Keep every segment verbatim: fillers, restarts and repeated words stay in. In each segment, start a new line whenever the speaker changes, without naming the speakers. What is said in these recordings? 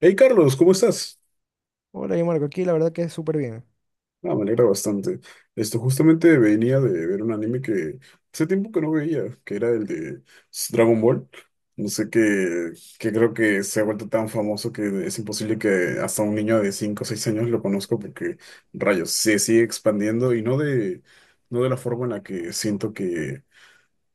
Hey Carlos, ¿cómo estás?
Hola, yo Marco, aquí la verdad que es súper bien.
Ah, me alegra bastante. Esto justamente venía de ver un anime que hace tiempo que no veía, que era el de Dragon Ball. No sé qué, que creo que se ha vuelto tan famoso que es imposible que hasta un niño de cinco o seis años lo conozca porque, rayos, se sigue expandiendo y no de, no de la forma en la que siento que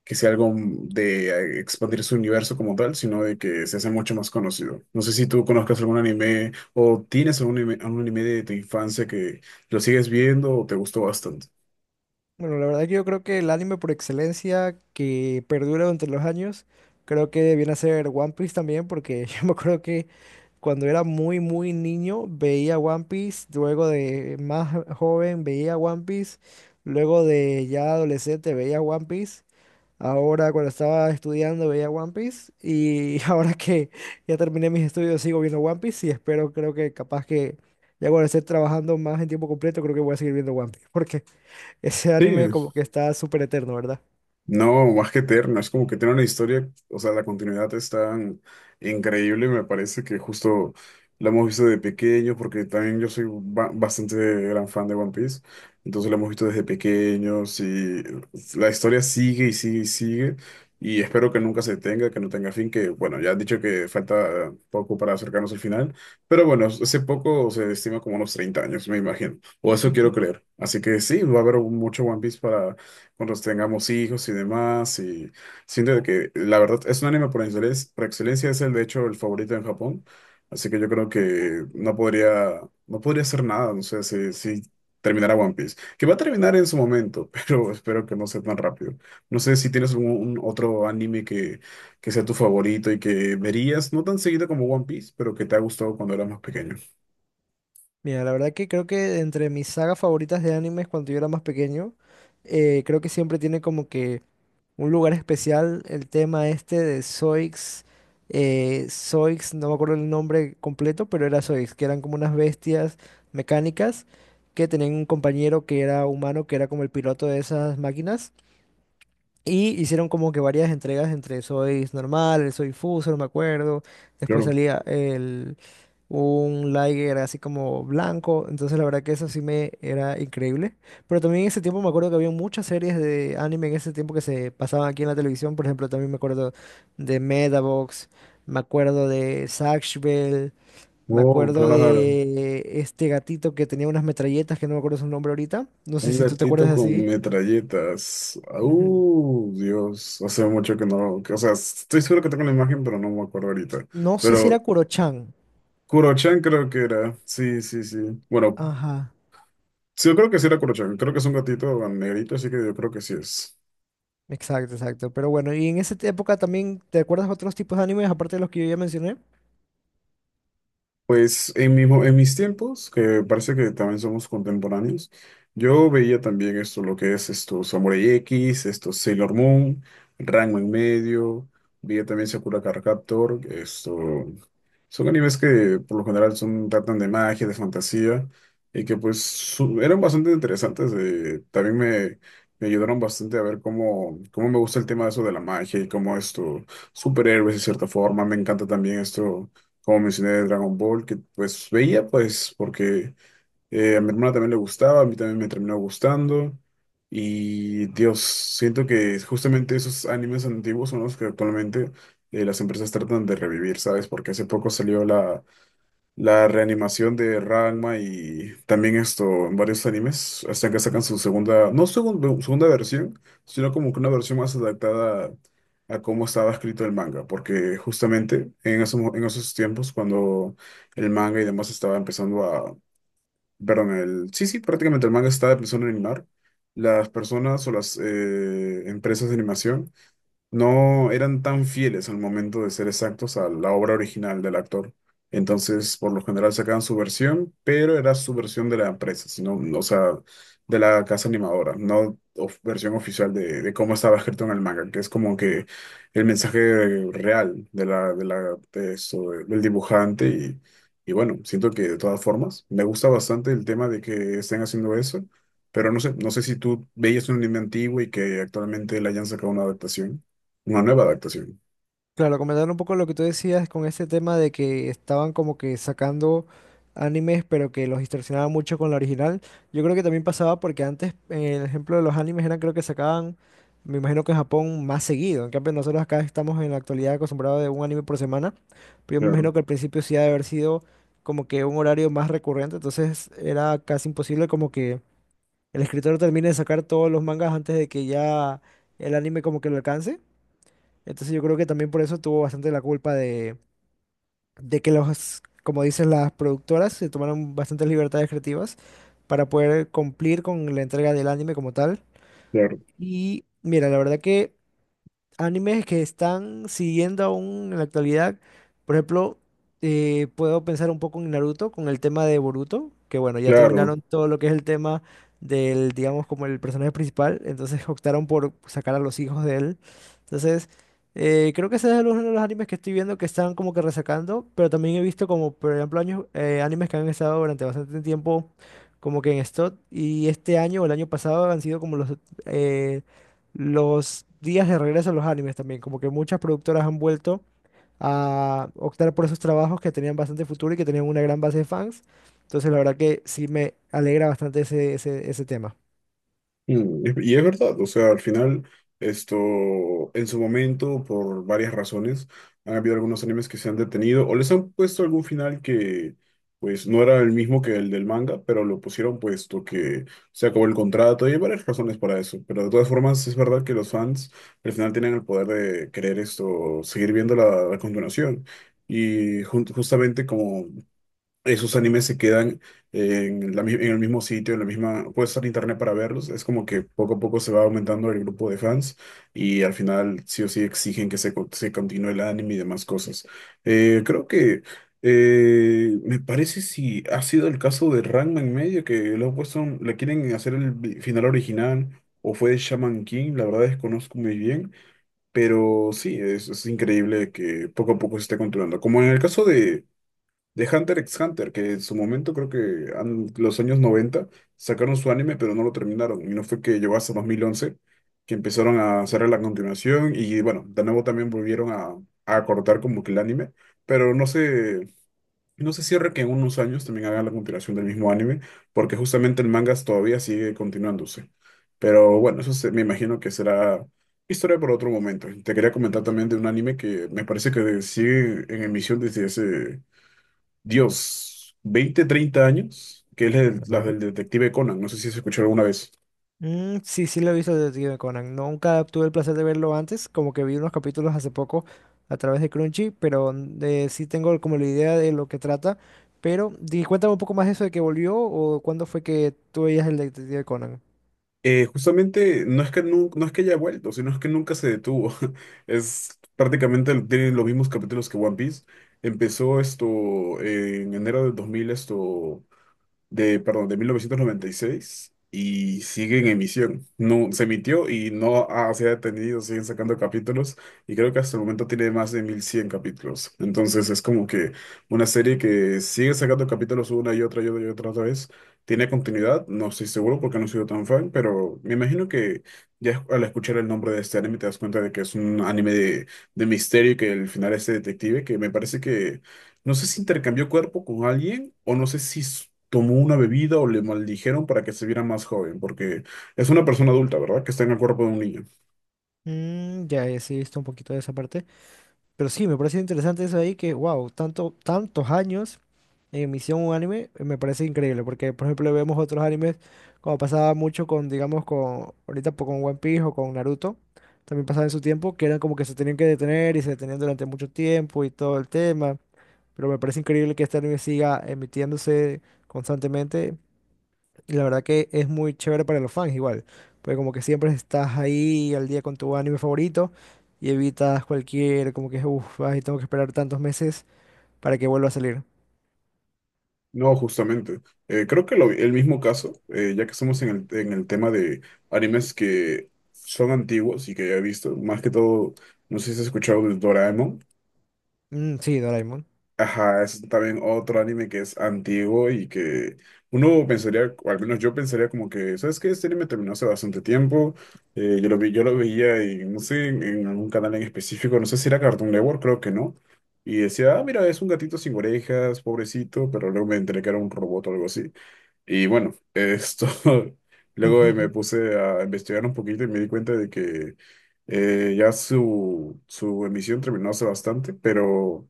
que sea algo de expandir su universo como tal, sino de que se hace mucho más conocido. No sé si tú conozcas algún anime o tienes algún anime, algún anime de tu infancia que lo sigues viendo o te gustó bastante.
Bueno, la verdad que yo creo que el anime por excelencia que perdura durante los años, creo que viene a ser One Piece también, porque yo me acuerdo que cuando era muy, muy niño veía One Piece, luego de más joven veía One Piece, luego de ya adolescente veía One Piece. Ahora, cuando estaba estudiando, veía One Piece y ahora que ya terminé mis estudios, sigo viendo One Piece y espero, creo que capaz que ya cuando esté trabajando más en tiempo completo, creo que voy a seguir viendo One Piece porque ese anime
Sí.
como que está súper eterno, ¿verdad?
No, más que eterna, es como que tiene una historia, o sea, la continuidad es tan increíble, me parece que justo la hemos visto de pequeño, porque también yo soy ba- bastante gran fan de One Piece, entonces la hemos visto desde pequeños y la historia sigue y sigue y sigue, y espero que nunca se detenga, que no tenga fin, que bueno, ya han dicho que falta poco para acercarnos al final, pero bueno, ese poco se estima como unos treinta años, me imagino, o eso quiero creer, así que sí, va a haber mucho One Piece para cuando tengamos hijos y demás. Y siento de que la verdad es un anime por excelencia, por excelencia es el de hecho el favorito en Japón. Así que yo creo que no podría, no podría hacer nada, no sé si, si terminara One Piece, que va a terminar en su momento, pero espero que no sea tan rápido. No sé si tienes algún un otro anime que, que sea tu favorito y que verías, no tan seguido como One Piece, pero que te ha gustado cuando eras más pequeño.
Mira, la verdad que creo que entre mis sagas favoritas de animes cuando yo era más pequeño, eh, creo que siempre tiene como que un lugar especial el tema este de Zoix. eh, Zoix, no me acuerdo el nombre completo, pero era Zoix, que eran como unas bestias mecánicas que tenían un compañero que era humano, que era como el piloto de esas máquinas. Y hicieron como que varias entregas entre Soy normal, el Soy Fuso, no me acuerdo. Después
Claro.
salía el, un Liger así como blanco. Entonces la verdad que eso sí me era increíble. Pero también en ese tiempo me acuerdo que había muchas series de anime en ese tiempo que se pasaban aquí en la televisión. Por ejemplo, también me acuerdo de Medabox, me acuerdo de Zatch Bell, me
Oh,
acuerdo
claro.
de este gatito que tenía unas metralletas que no me acuerdo su nombre ahorita. No sé
Un
si tú te acuerdas
gatito con
así.
metralletas.
Ujú.
Uh, Dios, hace mucho que no. que- O sea, estoy seguro que tengo la imagen, pero no me acuerdo ahorita.
No sé si era
Pero
Kurochan.
Kurochan creo que era. Sí, sí, sí. Bueno,
Ajá,
sí, yo creo que sí era Kurochan. Creo que es un gatito negrito, así que yo creo que sí es.
exacto, exacto. Pero bueno, y en esa te- época también, ¿te acuerdas otros tipos de animes aparte de los que yo ya mencioné?
Pues en mismo, en mis tiempos, que parece que también somos contemporáneos, yo veía también esto, lo que es esto, Samurai X, esto, Sailor Moon, Ranma en medio, veía también Sakura Card Captor, esto, son animes que por lo general son, tratan de magia, de fantasía, y que pues su- eran bastante interesantes, eh, también me, me ayudaron bastante a ver cómo, cómo me gusta el tema de eso de la magia y cómo esto, superhéroes de cierta forma, me encanta también esto como mencioné, de Dragon Ball, que pues veía, pues, porque eh, a mi hermana también le gustaba, a mí también me terminó gustando. Y Dios, siento que justamente esos animes antiguos son los que actualmente eh, las empresas tratan de revivir, ¿sabes? Porque hace poco salió la, la reanimación de Ranma y también esto en varios animes, hasta que sacan su segunda, no segun- bueno, segunda versión, sino como que una versión más adaptada a, cómo estaba escrito el manga, porque justamente en esos, mo- en esos tiempos, cuando el manga y demás estaba empezando a, perdón, el, sí, sí, prácticamente el manga estaba empezando a animar, las personas o las eh, empresas de animación no eran tan fieles al momento de ser exactos a la obra original del actor. Entonces, por lo general sacaban su versión, pero era su versión de la empresa, sino, no, o sea, de la casa animadora, no of- versión oficial de, de cómo estaba escrito en el manga, que es como que el mensaje real de la, de la, de eso, del dibujante. Y, y bueno, siento que de todas formas me gusta bastante el tema de que estén haciendo eso, pero no sé, no sé si tú veías un anime antiguo y que actualmente le hayan sacado una adaptación. Una nueva adaptación.
Claro, comentar un poco lo que tú decías con ese tema de que estaban como que sacando animes, pero que los distorsionaban mucho con la original. Yo creo que también pasaba porque antes, eh, el ejemplo de los animes era creo que sacaban, me imagino que en Japón más seguido. En cambio, nosotros acá estamos en la actualidad acostumbrados de un anime por semana, pero yo me
Claro,
imagino que al principio sí ha de haber sido como que un horario más recurrente, entonces era casi imposible como que el escritor termine de sacar todos los mangas antes de que ya el anime como que lo alcance. Entonces yo creo que también por eso tuvo bastante la culpa de, de que los, como dicen las productoras, se tomaron bastantes libertades creativas para poder cumplir con la entrega del anime como tal.
claro,
Y mira, la verdad que animes que están siguiendo aún en la actualidad. Por ejemplo, eh, puedo pensar un poco en Naruto con el tema de Boruto, que bueno, ya
claro.
terminaron todo lo que es el tema del, digamos, como el personaje principal, entonces optaron por sacar a los hijos de él. Entonces, eh, creo que ese es uno de los animes que estoy viendo que están como que resacando, pero también he visto como, por ejemplo, años, eh, animes que han estado durante bastante tiempo como que en stock y este año o el año pasado han sido como los eh, los días de regreso a los animes también, como que muchas productoras han vuelto a optar por esos trabajos que tenían bastante futuro y que tenían una gran base de fans. Entonces, la verdad que sí me alegra bastante ese, ese, ese tema.
Mm, Y y es verdad, o sea, al final, esto, en su momento, por varias razones, han habido algunos animes que se han detenido o les han puesto algún final que, pues, no era el mismo que el del manga, pero lo pusieron puesto que se acabó el contrato y hay varias razones para eso. Pero de todas formas, es verdad que los fans al final tienen el poder de querer esto, seguir viendo la, la continuación. Y jun- justamente como esos animes se quedan en la mi- en el mismo sitio, en la misma, puedes estar en internet para verlos, es como que poco a poco se va aumentando el grupo de fans y al final sí o sí exigen que se, co- se continúe el anime y demás cosas. Eh, creo que eh, me parece si ha sido el caso de Ranma en medio, que le han puesto, un- le quieren hacer el vi- final original. O fue de Shaman King, la verdad desconozco muy bien, pero sí, es, es increíble que poco a poco se esté controlando. Como en el caso de, de Hunter x Hunter, que en su momento creo que an- los años noventa sacaron su anime, pero no lo terminaron. Y no fue que llegó hasta dos mil once que empezaron a hacer la continuación. Y bueno, de nuevo también volvieron a, a cortar como que el anime. Pero no se, no se cierra que en unos años también hagan la continuación del mismo anime, porque justamente el manga todavía sigue continuándose. Pero bueno, eso se- me imagino que será historia por otro momento. Te quería comentar también de un anime que me parece que sigue en emisión desde hace Dios, veinte, treinta años, que es
Mm,
el- la
¿verdad?
del detective Conan, no sé si se escuchó alguna vez.
Mm, sí, sí lo he visto Detective Conan. Nunca tuve el placer de verlo antes, como que vi unos capítulos hace poco a través de Crunchy, pero mm, eh, sí tengo como la idea de lo que trata. Pero di, cuéntame un poco más eso de que volvió o cuándo fue que tú veías el Detective Conan.
Eh, justamente no es que nu- no es que haya vuelto, sino es que nunca se detuvo. Es prácticamente tiene los mismos capítulos que One Piece. Empezó esto en enero del dos mil esto de, perdón, de mil novecientos noventa y seis y sigue en emisión. No, se emitió y no ha- se ha detenido, siguen sacando capítulos y creo que hasta el momento tiene más de mil cien capítulos. Entonces es como que una serie que sigue sacando capítulos una y otra y otra y otra, otra vez. Tiene continuidad, no estoy seguro porque no he sido tan fan, pero me imagino que ya al escuchar el nombre de este anime te das cuenta de que es un anime de, de misterio y que el final es de detective, que me parece que no sé si intercambió cuerpo con alguien o no sé si s- tomó una bebida o le maldijeron para que se viera más joven, porque es una persona adulta, ¿verdad? Que está en el cuerpo de un niño.
Mm, ya, ya sí he visto un poquito de esa parte. Pero sí, me parece interesante eso ahí que, wow, tanto, tantos años en emisión un anime, eh, me parece increíble. Porque, por ejemplo, vemos otros animes, como pasaba mucho con, digamos, con, ahorita po- con One Piece o con Naruto, también pasaba en su tiempo, que eran como que se tenían que detener y se detenían durante mucho tiempo y todo el tema. Pero me parece increíble que este anime siga emitiéndose constantemente y la verdad que es muy chévere para los fans igual, porque como que siempre estás ahí al día con tu anime favorito y evitas cualquier, como que, uff, ay, tengo que esperar tantos meses para que vuelva a salir.
No, justamente. Eh, creo que lo- el mismo caso, eh, ya que estamos en el, en el tema de animes que son antiguos y que ya he visto, más que todo, no sé si has escuchado de Doraemon.
Mm, sí, Doraemon.
Ajá, es también otro anime que es antiguo y que uno pensaría, o al menos yo pensaría como que, ¿sabes qué? Este anime terminó hace bastante tiempo, eh, yo lo vi, yo lo veía y no sé, en, en algún canal en específico, no sé si era Cartoon Network, creo que no, y decía, ah, mira, es un gatito sin orejas, pobrecito, pero luego me enteré que era un robot o algo así. Y bueno, esto, luego eh, me puse a investigar un poquito y me di cuenta de que eh, ya su, su emisión terminó hace bastante, pero...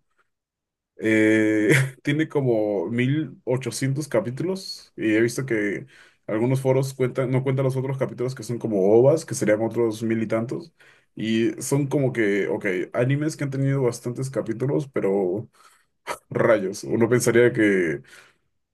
Eh, tiene como mil ochocientos capítulos y he visto que algunos foros cuentan, no cuentan los otros capítulos que son como O V As, que serían otros mil y tantos. Y son como que, ok, animes que han tenido bastantes capítulos, pero rayos. Uno pensaría que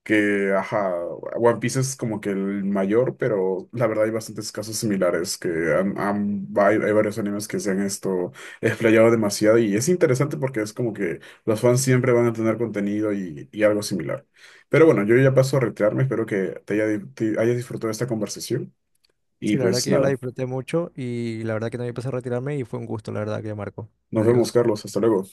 que, ajá, One Piece es como que el mayor, pero la verdad hay bastantes casos similares, que han- han- hay, hay varios animes que se han esto explayado demasiado y es interesante porque es como que los fans siempre van a tener contenido y, y algo similar. Pero bueno, yo ya paso a retirarme, espero que te haya, di- te hayas disfrutado de esta conversación y
Sí, la verdad
pues
que yo la
nada,
disfruté mucho y la verdad que también empecé a retirarme y fue un gusto, la verdad que Marco.
nos vemos,
Adiós.
Carlos, hasta luego.